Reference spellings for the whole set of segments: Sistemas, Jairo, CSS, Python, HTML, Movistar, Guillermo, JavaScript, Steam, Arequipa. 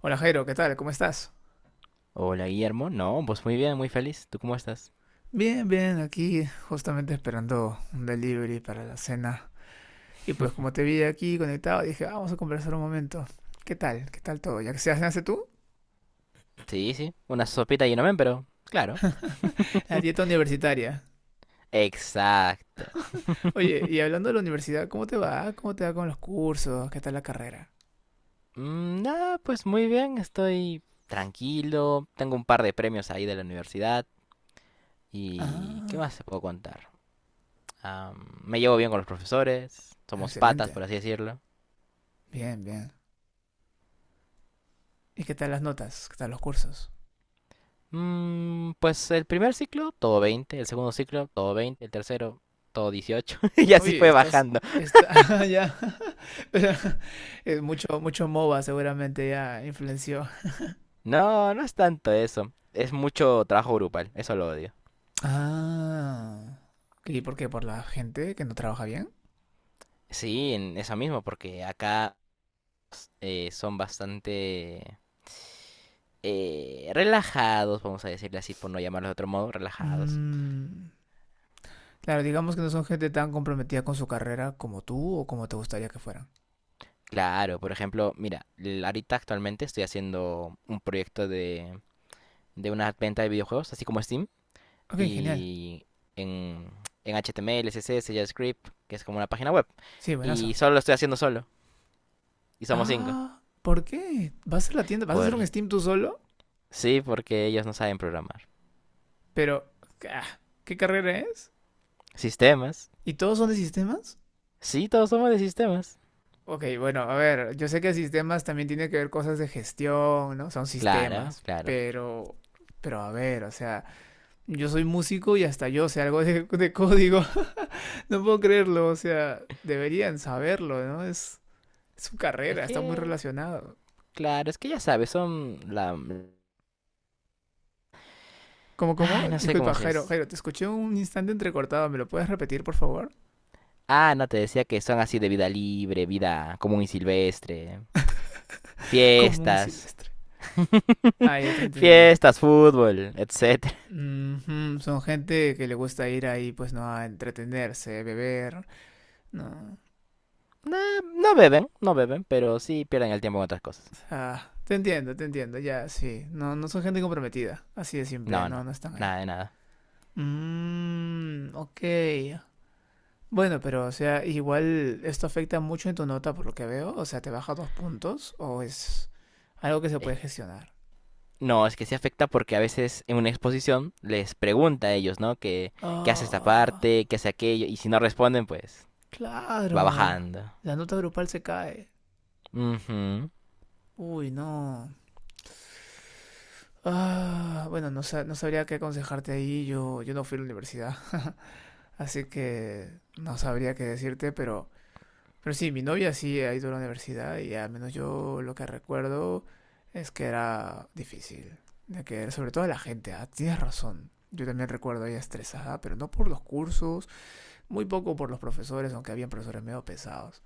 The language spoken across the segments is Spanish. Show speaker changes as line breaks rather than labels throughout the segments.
Hola, Jairo, ¿qué tal? ¿Cómo estás?
Hola, Guillermo. No, pues muy bien, muy feliz. ¿Tú cómo estás?
Bien, bien, aquí justamente esperando un delivery para la cena. Y pues como te vi aquí conectado, dije, "Ah, vamos a conversar un momento. ¿Qué tal? ¿Qué tal todo? ¿Ya que se hace tú?"
Sí, sí. Una sopita y no men, pero claro.
La dieta universitaria.
Exacto.
Oye, y hablando de la universidad, ¿cómo te va? ¿Cómo te va con los cursos? ¿Qué tal la carrera?
Nada, pues muy bien. Estoy tranquilo. Tengo un par de premios ahí de la universidad. ¿Y qué
Ah,
más te puedo contar? Me llevo bien con los profesores. Somos patas, por
excelente.
así decirlo.
Bien, bien. ¿Y qué tal las notas? ¿Qué tal los cursos?
Pues el primer ciclo, todo 20, el segundo ciclo, todo 20, el tercero, todo 18. Y así
Oye,
fue
estás...
bajando.
Está, ya. Es mucho, mucho MOBA seguramente ya influenció.
No, no es tanto eso. Es mucho trabajo grupal. Eso lo odio.
Ah. ¿Y por qué? ¿Por la gente que no trabaja bien?
Sí, en eso mismo, porque acá son bastante, relajados, vamos a decirle así, por no llamarlos de otro modo, relajados.
Mm, claro, digamos que no son gente tan comprometida con su carrera como tú o como te gustaría que fueran.
Claro, por ejemplo, mira, ahorita actualmente estoy haciendo un proyecto de una venta de videojuegos, así como Steam,
Ok, genial.
y en, en HTML, CSS, JavaScript, que es como una página web.
Sí,
Y
buenazo.
solo lo estoy haciendo solo, y somos cinco.
Ah, ¿por qué? ¿Vas a la tienda? ¿Vas a hacer un
Por,
Steam tú solo?
sí, porque ellos no saben programar.
Pero, ah, ¿qué carrera es?
Sistemas.
¿Y todos son de sistemas?
Sí, todos somos de sistemas.
Ok, bueno, a ver, yo sé que sistemas también tiene que ver cosas de gestión, ¿no? Son
Claro,
sistemas,
claro.
pero a ver, o sea, yo soy músico y hasta yo sé algo de código. No puedo creerlo, o sea, deberían saberlo, ¿no? Es su
Es
carrera, está muy
que,
relacionado.
claro, es que ya sabes, son la...
¿Cómo?
Ah,
¿Cómo?
no sé cómo
Disculpa, Jairo,
es.
Jairo, te escuché un instante entrecortado, ¿me lo puedes repetir, por favor?
Ah, no, te decía que son así de vida libre, vida común y silvestre,
Común y
fiestas.
silvestre. Ah, ya te entendí.
Fiestas, fútbol, etcétera.
Mm -hmm, son gente que le gusta ir ahí, pues no, a entretenerse, beber, no.
No, no beben, no beben, pero sí pierden el tiempo en otras cosas.
Ah, te entiendo, ya, sí. No, no son gente comprometida, así de simple,
No,
no,
no,
no están ahí.
nada de nada.
Mmm, ok. Bueno, pero o sea, igual esto afecta mucho en tu nota por lo que veo. O sea, ¿te baja dos puntos o es algo que se
Eh,
puede gestionar?
No, es que se afecta porque a veces en una exposición les pregunta a ellos, ¿no? Que, ¿qué hace esta
Ah,
parte? ¿Qué hace aquello? Y si no responden, pues va
claro. La,
bajando.
la nota grupal se cae.
Ujú.
Uy, no. Ah, bueno, no, no sabría qué aconsejarte ahí. Yo no fui a la universidad. Así que no sabría qué decirte, pero sí, mi novia sí ha ido a la universidad y al menos yo lo que recuerdo es que era difícil. De que, sobre todo la gente, ah, tienes razón. Yo también recuerdo a ella estresada, pero no por los cursos, muy poco por los profesores, aunque habían profesores medio pesados.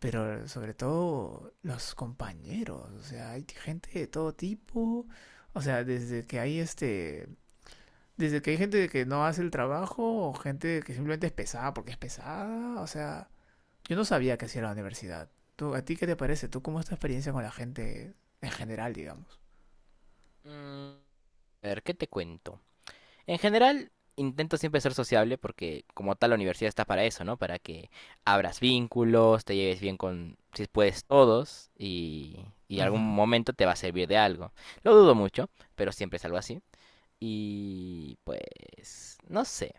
Pero sobre todo los compañeros, o sea, hay gente de todo tipo. O sea, desde que hay gente que no hace el trabajo o gente que simplemente es pesada porque es pesada, o sea, yo no sabía que hacía la universidad. ¿A ti qué te parece? ¿Tú cómo es tu experiencia con la gente en general, digamos?
Mm, A ver, ¿qué te cuento? En general, intento siempre ser sociable porque como tal la universidad está para eso, ¿no? Para que abras vínculos, te lleves bien con, si puedes, todos y algún
Ujú,
momento te va a servir de algo. Lo dudo mucho, pero siempre es algo así. Y pues, no sé.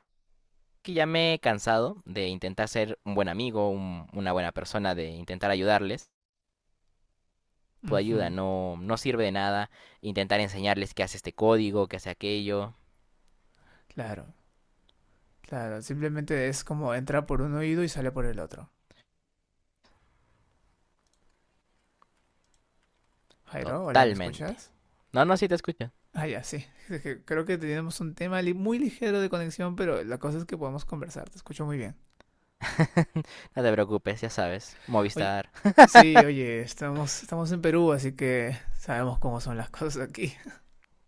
Que ya me he cansado de intentar ser un buen amigo, una buena persona, de intentar ayudarles. Tu ayuda
ujú.
no, no sirve de nada intentar enseñarles que hace este código, que hace aquello.
Claro, claro. Simplemente es como entra por un oído y sale por el otro. Jairo, hola, ¿me
Totalmente.
escuchas?
No, no, sí te escucho.
Ah, ya, sí. Es que creo que tenemos un tema muy ligero de conexión, pero la cosa es que podemos conversar. Te escucho muy bien.
No te preocupes, ya sabes.
Oye,
Movistar.
sí, oye, estamos en Perú, así que sabemos cómo son las cosas aquí.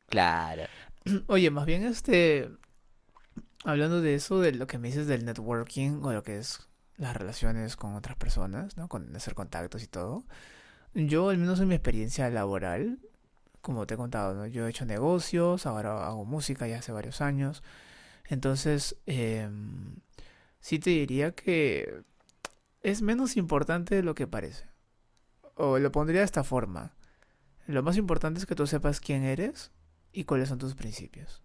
Claro,
Oye, más bien este, hablando de eso, de lo que me dices del networking o lo que es las relaciones con otras personas, ¿no? Con hacer contactos y todo. Yo, al menos en mi experiencia laboral, como te he contado, ¿no? Yo he hecho negocios, ahora hago música ya hace varios años. Entonces, sí te diría que es menos importante de lo que parece. O lo pondría de esta forma. Lo más importante es que tú sepas quién eres y cuáles son tus principios.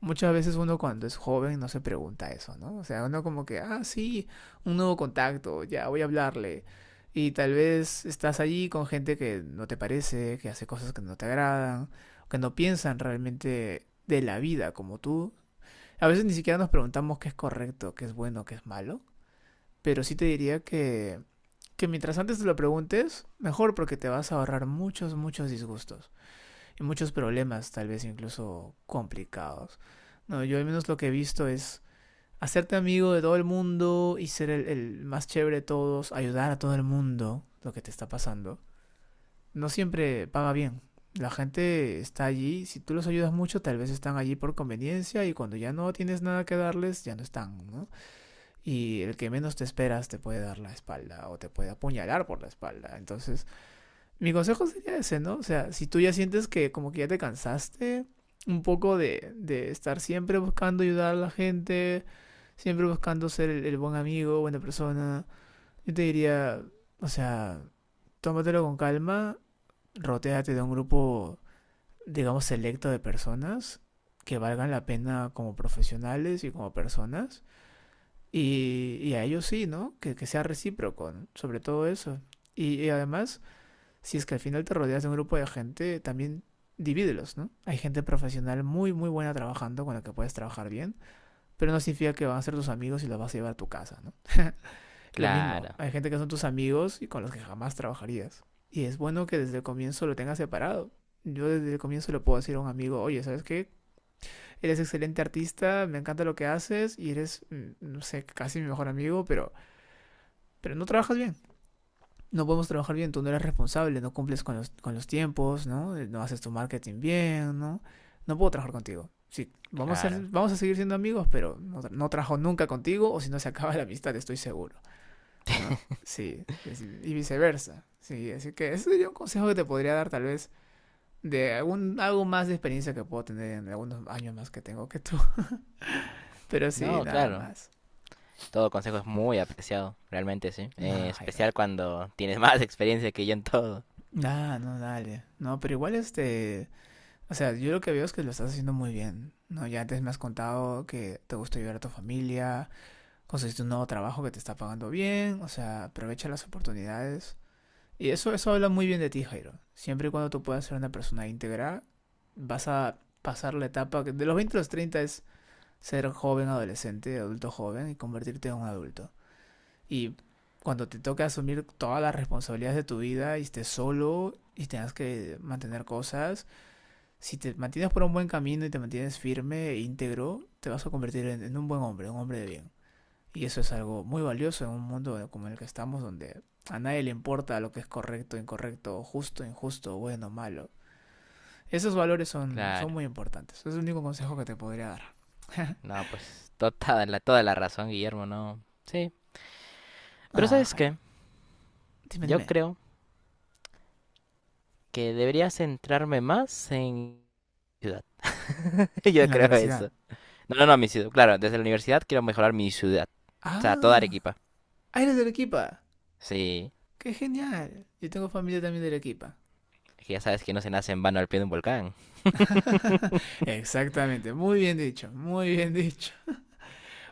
Muchas veces uno cuando es joven no se pregunta eso, ¿no? O sea, uno como que, ah, sí, un nuevo contacto, ya voy a hablarle. Y tal vez estás allí con gente que no te parece, que hace cosas que no te agradan, que no piensan realmente de la vida como tú. A veces ni siquiera nos preguntamos qué es correcto, qué es bueno, qué es malo. Pero sí te diría que mientras antes te lo preguntes, mejor porque te vas a ahorrar muchos, muchos disgustos y muchos problemas, tal vez incluso complicados. No, yo al menos lo que he visto es hacerte amigo de todo el mundo y ser el más chévere de todos, ayudar a todo el mundo lo que te está pasando. No siempre paga bien. La gente está allí, si tú los ayudas mucho, tal vez están allí por conveniencia y cuando ya no tienes nada que darles, ya no están, ¿no? Y el que menos te esperas te puede dar la espalda o te puede apuñalar por la espalda. Entonces, mi consejo sería ese, ¿no? O sea, si tú ya sientes que como que ya te cansaste un poco de estar siempre buscando ayudar a la gente, siempre buscando ser el buen amigo, buena persona, yo te diría, o sea, tómatelo con calma, rotéate de un grupo, digamos, selecto de personas que valgan la pena como profesionales y como personas. Y a ellos sí, ¿no? Que sea recíproco, ¿no? Sobre todo eso. Y además, si es que al final te rodeas de un grupo de gente, también divídelos, ¿no? Hay gente profesional muy, muy buena trabajando con la que puedes trabajar bien, pero no significa que van a ser tus amigos y los vas a llevar a tu casa, ¿no? Lo mismo,
claro,
hay gente que son tus amigos y con los que jamás trabajarías. Y es bueno que desde el comienzo lo tengas separado. Yo desde el comienzo le puedo decir a un amigo, oye, ¿sabes qué? Eres excelente artista, me encanta lo que haces y eres, mm, no sé, casi mi mejor amigo, pero no trabajas bien. No podemos trabajar bien, tú no eres responsable, no cumples con los tiempos, ¿no? No haces tu marketing bien, ¿no? No puedo trabajar contigo. Sí,
claro.
vamos a seguir siendo amigos, pero no, no trabajo nunca contigo o si no se acaba la amistad, estoy seguro, ¿no? Sí, sí, y viceversa. Sí, así que ese sería un consejo que te podría dar tal vez de algún, algo más de experiencia que puedo tener en algunos años más que tengo que tú. Pero sí,
No,
nada
claro.
más.
Todo consejo es muy apreciado, realmente, sí.
Nada, Jairo.
Especial cuando tienes más experiencia que yo en todo.
Nada, no, dale. No, pero igual este... O sea, yo lo que veo es que lo estás haciendo muy bien, ¿no? Ya antes me has contado que te gusta ayudar a tu familia, conseguiste un nuevo trabajo que te está pagando bien, o sea, aprovecha las oportunidades. Y eso habla muy bien de ti, Jairo. Siempre y cuando tú puedas ser una persona íntegra, vas a pasar la etapa que de los 20 a los 30 es ser joven, adolescente, adulto joven y convertirte en un adulto. Y cuando te toque asumir todas las responsabilidades de tu vida y estés solo y tengas que mantener cosas, si te mantienes por un buen camino y te mantienes firme e íntegro, te vas a convertir en un buen hombre, un hombre de bien. Y eso es algo muy valioso en un mundo como el que estamos, donde a nadie le importa lo que es correcto, incorrecto, justo, injusto, bueno, malo. Esos valores son
Claro.
muy importantes. Es el único consejo que te podría dar.
No, pues toda la razón, Guillermo, no. Sí. Pero
Ah,
¿sabes
Jairo.
qué?
Dime,
Yo
dime.
creo que debería centrarme más en ciudad.
En
Yo
la
creo
universidad.
eso. No, no, no, mi ciudad. Claro, desde la universidad quiero mejorar mi ciudad. O sea, toda
Ah,
Arequipa.
ah, eres de Arequipa.
Sí,
¡Qué genial! Yo tengo familia también de Arequipa.
es que ya sabes que no se nace en vano al pie de un volcán.
Exactamente, muy bien dicho, muy bien dicho.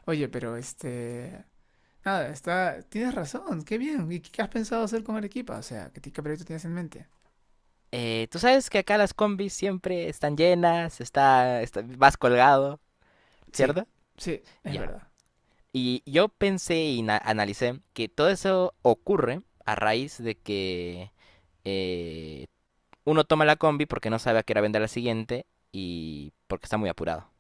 Oye, pero este... Ah, está, tienes razón, qué bien. ¿Y qué has pensado hacer con Arequipa? O sea, ¿qué, qué proyecto tienes en mente?
Tú sabes que acá las combis siempre están llenas, vas colgado,
Sí,
¿cierto?
sí, es
Ya.
verdad.
Y yo pensé y analicé que todo eso ocurre a raíz de que eh, uno toma la combi porque no sabe a qué hora vender la siguiente y porque está muy apurado.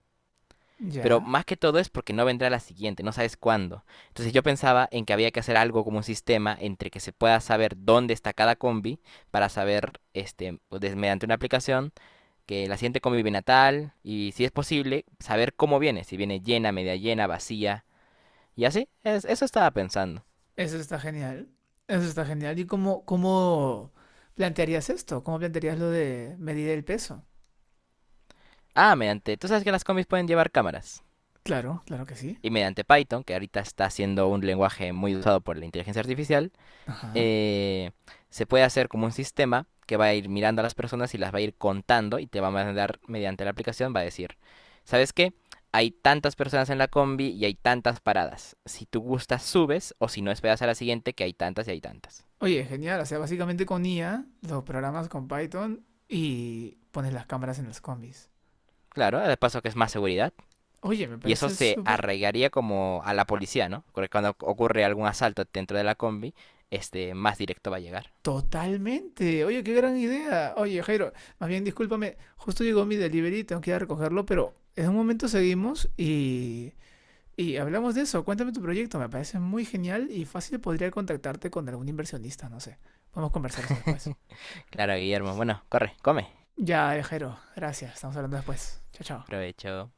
Pero
Ya,
más que todo es porque no vendrá la siguiente, no sabes cuándo. Entonces yo pensaba en que había que hacer algo como un sistema entre que se pueda saber dónde está cada combi para saber, este, pues, mediante una aplicación, que la siguiente combi viene a tal y si es posible, saber cómo viene, si viene llena, media llena, vacía y así. Eso estaba pensando.
eso está genial. Eso está genial. ¿Y cómo, cómo plantearías esto? ¿Cómo plantearías lo de medir el peso?
Ah, mediante, tú sabes que las combis pueden llevar cámaras.
Claro, claro que sí.
Y mediante Python, que ahorita está siendo un lenguaje muy usado por la inteligencia artificial,
Ajá.
eh, se puede hacer como un sistema que va a ir mirando a las personas y las va a ir contando y te va a mandar mediante la aplicación, va a decir, ¿sabes qué? Hay tantas personas en la combi y hay tantas paradas. Si tú gustas, subes o si no, esperas a la siguiente que hay tantas y hay tantas.
Oye, genial. O sea, básicamente con IA, los programas con Python y pones las cámaras en los combis.
Claro, de paso que es más seguridad.
Oye, me
Y eso
parece
se
súper
arraigaría como a la policía, ¿no? Porque cuando ocurre algún asalto dentro de la combi, este más directo va a llegar.
totalmente. Oye, qué gran idea. Oye, Jairo, más bien discúlpame, justo llegó mi delivery, tengo que ir a recogerlo, pero en un momento seguimos y hablamos de eso. Cuéntame tu proyecto, me parece muy genial y fácil podría contactarte con algún inversionista, no sé. Podemos conversar eso después.
Claro, Guillermo. Bueno, corre, come.
Ya, Jairo, gracias. Estamos hablando después. Chao, chao.
Provecho.